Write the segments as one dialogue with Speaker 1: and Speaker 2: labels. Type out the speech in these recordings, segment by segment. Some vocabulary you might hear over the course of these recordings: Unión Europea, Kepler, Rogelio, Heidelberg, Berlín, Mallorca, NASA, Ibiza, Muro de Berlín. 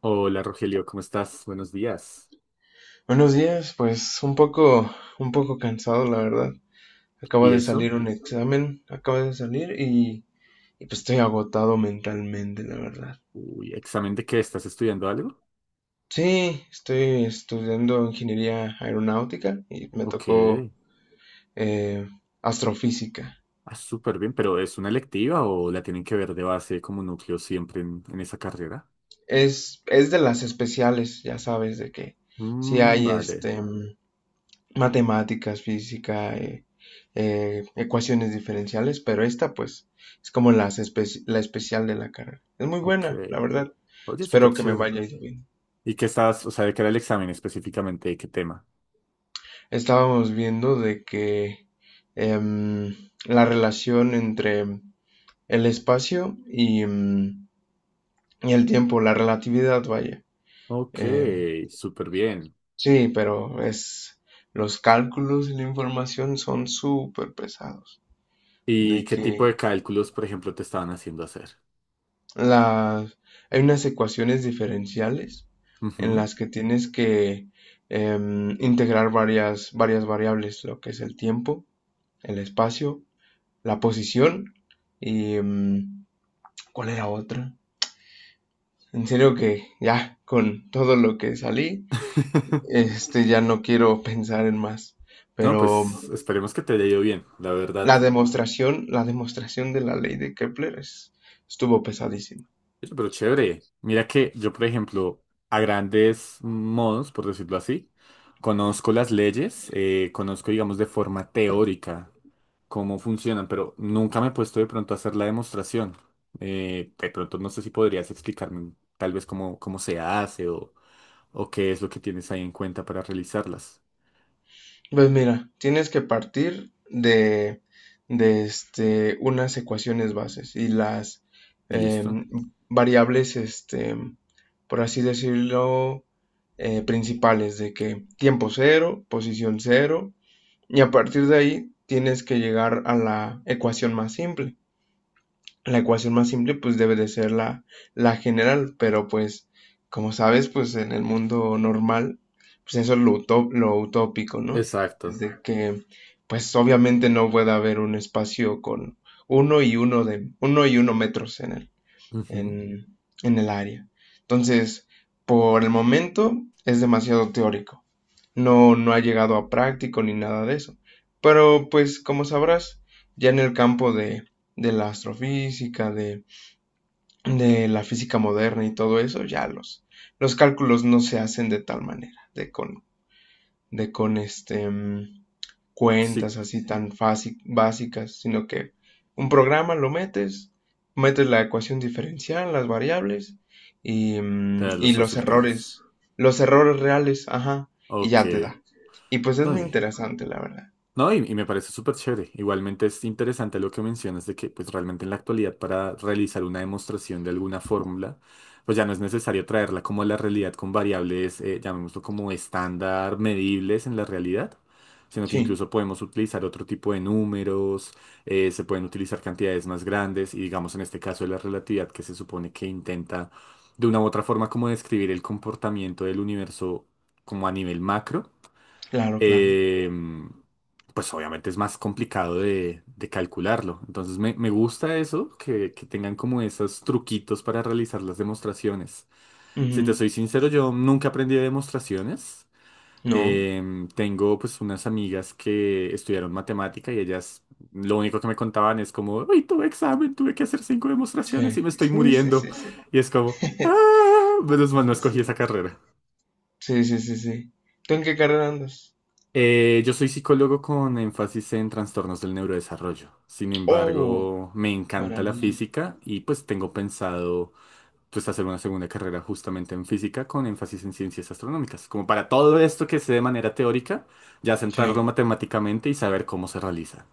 Speaker 1: Hola Rogelio, ¿cómo estás? Buenos días.
Speaker 2: Buenos días, pues un poco cansado, la verdad. Acaba
Speaker 1: ¿Y
Speaker 2: de
Speaker 1: eso?
Speaker 2: salir un examen, acaba de salir y pues estoy agotado mentalmente, la verdad.
Speaker 1: Uy, ¿examen de qué? ¿Estás estudiando algo?
Speaker 2: Sí, estoy estudiando ingeniería aeronáutica y me
Speaker 1: Ok.
Speaker 2: tocó eh, astrofísica.
Speaker 1: Ah, súper bien, pero ¿es una electiva o la tienen que ver de base como núcleo siempre en esa carrera?
Speaker 2: Es de las especiales, ya sabes, de que si
Speaker 1: Mm,
Speaker 2: hay
Speaker 1: vale,
Speaker 2: matemáticas, física, ecuaciones diferenciales, pero esta pues es como la especial de la carrera. Es muy
Speaker 1: ok.
Speaker 2: buena, la verdad.
Speaker 1: Oye, súper
Speaker 2: Espero que me
Speaker 1: chévere.
Speaker 2: vaya yendo bien.
Speaker 1: ¿Y qué estás, o sea, de qué era el examen específicamente? ¿De qué tema?
Speaker 2: Estábamos viendo de que em, la relación entre el espacio y y el tiempo, la relatividad, vaya.
Speaker 1: Ok,
Speaker 2: Em,
Speaker 1: súper bien.
Speaker 2: sí, pero es los cálculos y la información son súper pesados.
Speaker 1: ¿Y
Speaker 2: De
Speaker 1: qué tipo de
Speaker 2: que
Speaker 1: cálculos, por ejemplo, te estaban haciendo hacer?
Speaker 2: las, hay unas ecuaciones diferenciales en
Speaker 1: Ujú.
Speaker 2: las que tienes que integrar varias variables, lo que es el tiempo, el espacio, la posición y ¿cuál era otra? En serio que ya con todo lo que salí, este ya no quiero pensar en más.
Speaker 1: No,
Speaker 2: Pero
Speaker 1: pues esperemos que te haya ido bien, la verdad.
Speaker 2: la demostración de la ley de Kepler estuvo pesadísima.
Speaker 1: Oye, pero chévere. Mira que yo, por ejemplo, a grandes modos, por decirlo así, conozco las leyes, conozco, digamos, de forma teórica cómo funcionan, pero nunca me he puesto de pronto a hacer la demostración. De pronto no sé si podrías explicarme tal vez cómo se hace o qué es lo que tienes ahí en cuenta para realizarlas.
Speaker 2: Pues mira, tienes que partir de, este, unas ecuaciones bases y las
Speaker 1: ¿Listo?
Speaker 2: em, variables, este, por así decirlo, principales de que tiempo cero, posición cero, y a partir de ahí tienes que llegar a la ecuación más simple. La ecuación más simple, pues, debe de ser la, la general, pero pues, como sabes, pues en el mundo normal, pues eso es lo, lo utópico, ¿no? Es
Speaker 1: Exacto.
Speaker 2: de que, pues obviamente no puede haber un espacio con uno y uno de, uno y uno metros
Speaker 1: Ujú.
Speaker 2: en, en el área. Entonces, por el momento es demasiado teórico, no, no ha llegado a práctico ni nada de eso. Pero pues como sabrás, ya en el campo de la astrofísica, de la física moderna y todo eso, ya los cálculos no se hacen de tal manera, de con
Speaker 1: Sí,
Speaker 2: cuentas así tan fácil, básicas, sino que un programa lo metes, metes la ecuación diferencial, las variables y,
Speaker 1: te
Speaker 2: mm,
Speaker 1: da
Speaker 2: y
Speaker 1: los resultados.
Speaker 2: los errores reales, ajá, y
Speaker 1: Ok.
Speaker 2: ya te da. Y pues es
Speaker 1: No,
Speaker 2: muy
Speaker 1: y-
Speaker 2: interesante, la verdad.
Speaker 1: No, y me parece súper chévere. Igualmente es interesante lo que mencionas de que pues realmente en la actualidad para realizar una demostración de alguna fórmula, pues ya no es necesario traerla como a la realidad con variables, llamémoslo como estándar, medibles en la realidad, sino que
Speaker 2: Sí,
Speaker 1: incluso podemos utilizar otro tipo de números, se pueden utilizar cantidades más grandes y digamos en este caso de la relatividad que se supone que intenta de una u otra forma como describir el comportamiento del universo como a nivel macro,
Speaker 2: claro, claro.
Speaker 1: eh, pues obviamente es más complicado de calcularlo. Entonces me gusta eso, que tengan como esos truquitos para realizar las demostraciones. Si te
Speaker 2: Ujú.
Speaker 1: soy sincero, yo nunca aprendí de demostraciones.
Speaker 2: No,
Speaker 1: Tengo pues unas amigas que estudiaron matemática y ellas lo único que me contaban es como, uy, tuve examen, tuve que hacer cinco demostraciones y
Speaker 2: sí,
Speaker 1: me estoy
Speaker 2: sí, sí,
Speaker 1: muriendo.
Speaker 2: sí, sí.
Speaker 1: Y es como, ah, menos mal no escogí esa carrera.
Speaker 2: Sí, sí, sí, sí. ¿Tú en qué carrera andas?
Speaker 1: Yo soy psicólogo con énfasis en trastornos del neurodesarrollo. Sin
Speaker 2: Oh,
Speaker 1: embargo, me encanta la
Speaker 2: maravilla.
Speaker 1: física y pues tengo pensado pues hacer una segunda carrera justamente en física con énfasis en ciencias astronómicas. Como para todo esto que sé de manera teórica, ya
Speaker 2: Sí.
Speaker 1: centrarlo matemáticamente y saber cómo se realiza.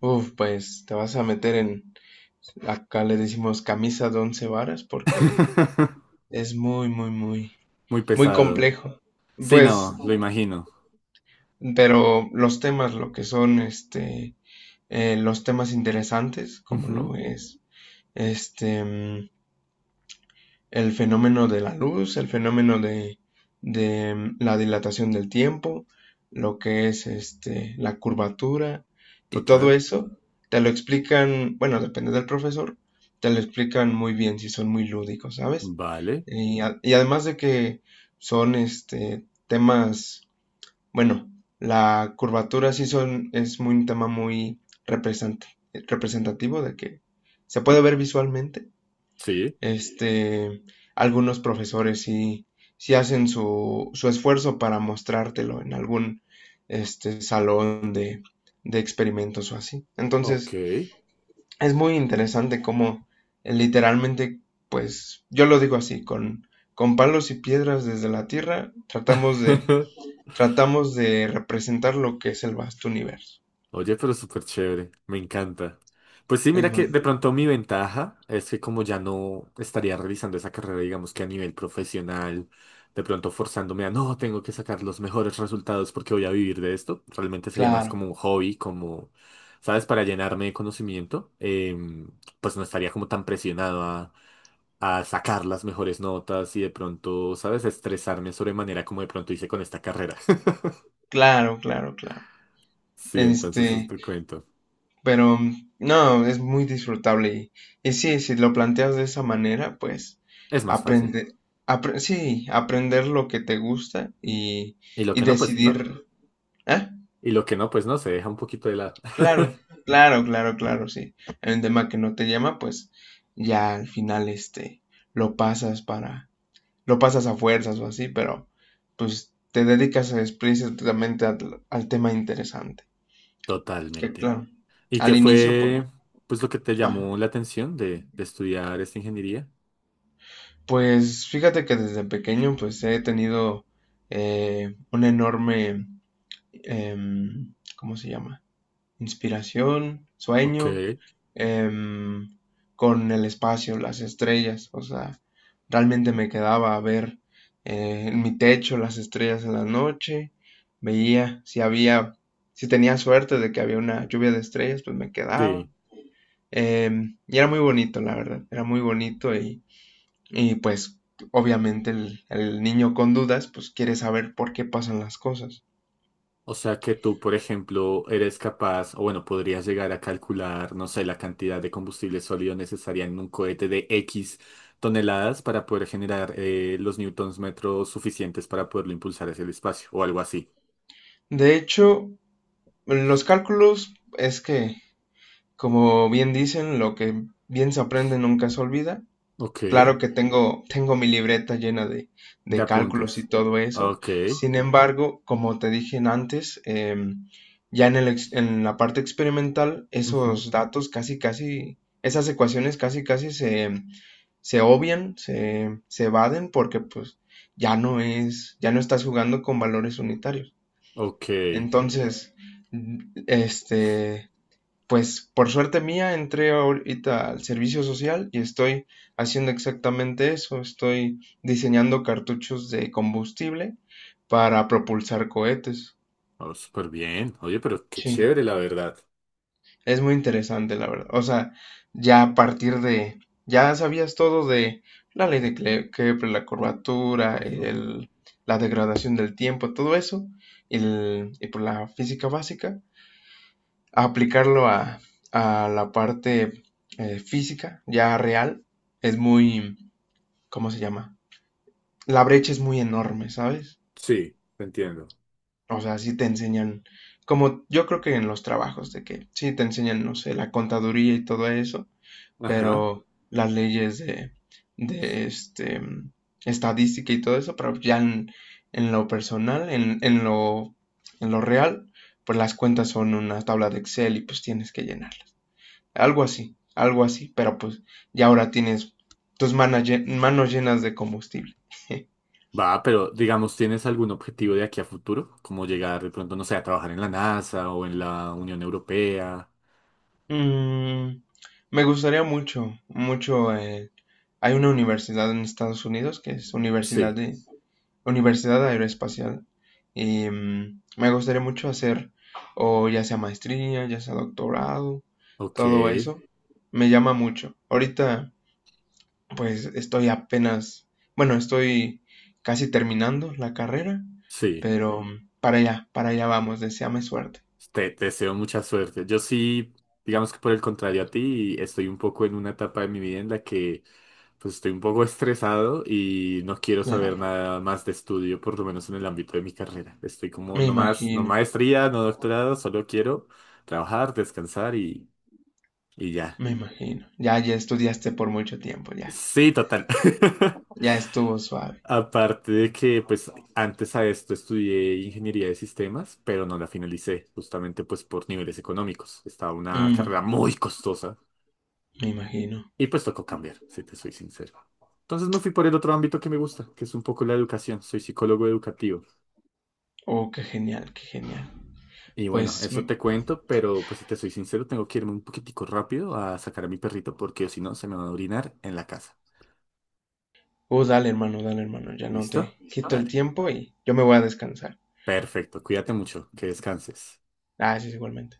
Speaker 2: Uf, pues te vas a meter en, acá le decimos camisa de once varas porque es muy, muy, muy,
Speaker 1: Muy
Speaker 2: muy
Speaker 1: pesado.
Speaker 2: complejo.
Speaker 1: Sí,
Speaker 2: Pues,
Speaker 1: no, lo imagino.
Speaker 2: pero los temas, lo que son, este, los temas interesantes, como
Speaker 1: Ujú,
Speaker 2: lo es, este, mm, el fenómeno de la luz, el fenómeno de la dilatación del tiempo, lo que es este, la curvatura y todo
Speaker 1: total.
Speaker 2: eso, te lo explican, bueno, depende del profesor, te lo explican muy bien si son muy lúdicos, ¿sabes?
Speaker 1: Vale.
Speaker 2: Y, y además de que son este, temas, bueno, la curvatura sí son, es muy, un tema muy representativo de que se puede ver visualmente
Speaker 1: Sí.
Speaker 2: este, algunos profesores sí, sí hacen su, su esfuerzo para mostrártelo en algún este, salón de experimentos o así.
Speaker 1: Ok.
Speaker 2: Entonces, es muy interesante cómo literalmente, pues, yo lo digo así, con palos y piedras desde la Tierra, tratamos de representar lo que es el vasto universo.
Speaker 1: Oye, pero súper chévere, me encanta. Pues sí,
Speaker 2: Es
Speaker 1: mira que
Speaker 2: muy
Speaker 1: de pronto mi ventaja es que como ya no estaría realizando esa carrera, digamos que a nivel profesional, de pronto forzándome a no, tengo que sacar los mejores resultados porque voy a vivir de esto, realmente sería más
Speaker 2: claro,
Speaker 1: como un hobby, como, ¿sabes? Para llenarme de conocimiento, pues no estaría como tan presionado a sacar las mejores notas y de pronto, ¿sabes? Estresarme sobremanera como de pronto hice con esta carrera.
Speaker 2: claro, claro, claro.
Speaker 1: Sí, entonces eso
Speaker 2: Este,
Speaker 1: te cuento.
Speaker 2: pero mm, no, es muy disfrutable y sí, si lo planteas de esa manera, pues
Speaker 1: Es más fácil.
Speaker 2: aprende, sí, aprender lo que te gusta
Speaker 1: Y lo
Speaker 2: y
Speaker 1: que no, pues no.
Speaker 2: decidir, ah,
Speaker 1: Y lo que no, pues no, se deja un poquito de lado.
Speaker 2: claro, claro, claro, claro, sí. Hay un tema que no te llama, pues ya al final este lo pasas para, lo pasas a fuerzas o así, pero pues te dedicas explícitamente al, al tema interesante. Que
Speaker 1: Totalmente.
Speaker 2: claro,
Speaker 1: ¿Y qué
Speaker 2: al inicio, pues,
Speaker 1: fue, pues, lo que te
Speaker 2: ajá.
Speaker 1: llamó la atención de estudiar esta ingeniería?
Speaker 2: Pues fíjate que desde pequeño pues he tenido una enorme, ¿cómo se llama? Inspiración,
Speaker 1: Ok,
Speaker 2: sueño, em, con el espacio, las estrellas. O sea, realmente me quedaba a ver en mi techo las estrellas en la noche. Veía si había, si tenía suerte de que había una lluvia de estrellas, pues me quedaba.
Speaker 1: sí.
Speaker 2: Y era muy bonito, la verdad. Era muy bonito y pues obviamente el niño con dudas pues quiere saber por qué pasan las cosas.
Speaker 1: O sea que tú, por ejemplo, eres capaz, o bueno, podrías llegar a calcular, no sé, la cantidad de combustible sólido necesaria en un cohete de X toneladas para poder generar los newtons metros suficientes para poderlo impulsar hacia el espacio, o algo así.
Speaker 2: De hecho, los cálculos es que, como bien dicen, lo que bien se aprende nunca se olvida.
Speaker 1: Ok,
Speaker 2: Claro
Speaker 1: de
Speaker 2: que tengo, tengo mi libreta llena de cálculos y
Speaker 1: apuntes.
Speaker 2: todo eso.
Speaker 1: Ok.
Speaker 2: Sin embargo, como te dije antes, ya en, el en la parte experimental,
Speaker 1: Ujú,
Speaker 2: esos datos esas ecuaciones casi, casi se obvian, se evaden porque pues ya no es, ya no estás jugando con valores unitarios.
Speaker 1: ok.
Speaker 2: Entonces, este, pues por suerte mía entré ahorita al servicio social y estoy haciendo exactamente eso, estoy diseñando cartuchos de combustible para propulsar cohetes.
Speaker 1: Oh, súper bien. Oye, pero qué
Speaker 2: Sí.
Speaker 1: chévere, la verdad.
Speaker 2: Es muy interesante, la verdad. O sea, ya a partir de, ya sabías todo de la ley de Kepler, la curvatura,
Speaker 1: Ujú.
Speaker 2: la degradación del tiempo, todo eso, y por la física básica, a aplicarlo a la parte física, ya real, es muy, ¿cómo se llama? La brecha es muy enorme, ¿sabes?
Speaker 1: Sí, te entiendo.
Speaker 2: O sea, sí te enseñan, como yo creo que en los trabajos, de que sí te enseñan, no sé, la contaduría y todo eso,
Speaker 1: Ajá.
Speaker 2: pero las leyes de este, estadística y todo eso, pero ya en lo personal, en lo real, pues las cuentas son una tabla de Excel y pues tienes que llenarlas. Algo así, pero pues ya ahora tienes tus manos, llenas de combustible.
Speaker 1: Va, pero digamos, ¿tienes algún objetivo de aquí a futuro? Como llegar de pronto, no sé, a trabajar en la NASA o en la Unión Europea.
Speaker 2: mm, me gustaría mucho, mucho. Hay una universidad en Estados Unidos que es Universidad
Speaker 1: Sí,
Speaker 2: de Universidad Aeroespacial. Y me gustaría mucho hacer, o ya sea maestría, ya sea doctorado,
Speaker 1: ok.
Speaker 2: todo eso. Me llama mucho. Ahorita, pues estoy apenas, bueno, estoy casi terminando la carrera,
Speaker 1: Sí.
Speaker 2: pero para allá vamos, deséame suerte.
Speaker 1: Te deseo mucha suerte. Yo sí, digamos que por el contrario a ti, estoy un poco en una etapa de mi vida en la que pues estoy un poco estresado y no quiero
Speaker 2: Ya,
Speaker 1: saber nada más de estudio, por lo menos en el ámbito de mi carrera. Estoy como
Speaker 2: me
Speaker 1: no más, no
Speaker 2: imagino,
Speaker 1: maestría, no doctorado, solo quiero trabajar, descansar y ya.
Speaker 2: me imagino. Ya, ya estudiaste por mucho tiempo, ya.
Speaker 1: Sí, total.
Speaker 2: Ya estuvo suave.
Speaker 1: Aparte de que, pues, antes a esto estudié ingeniería de sistemas, pero no la finalicé, justamente pues por niveles económicos. Estaba una
Speaker 2: Mm,
Speaker 1: carrera muy costosa
Speaker 2: me imagino.
Speaker 1: y pues tocó cambiar, si te soy sincero. Entonces me fui por el otro ámbito que me gusta, que es un poco la educación. Soy psicólogo educativo.
Speaker 2: Oh, qué genial, qué genial.
Speaker 1: Y bueno,
Speaker 2: Pues
Speaker 1: eso te cuento, pero pues si te soy sincero, tengo que irme un poquitico rápido a sacar a mi perrito porque o si no se me van a orinar en la casa.
Speaker 2: uh, dale, hermano, dale, hermano. Ya no
Speaker 1: ¿Listo?
Speaker 2: te quito el
Speaker 1: Dale.
Speaker 2: tiempo y yo me voy a descansar.
Speaker 1: Perfecto, cuídate mucho, que descanses.
Speaker 2: Gracias, igualmente.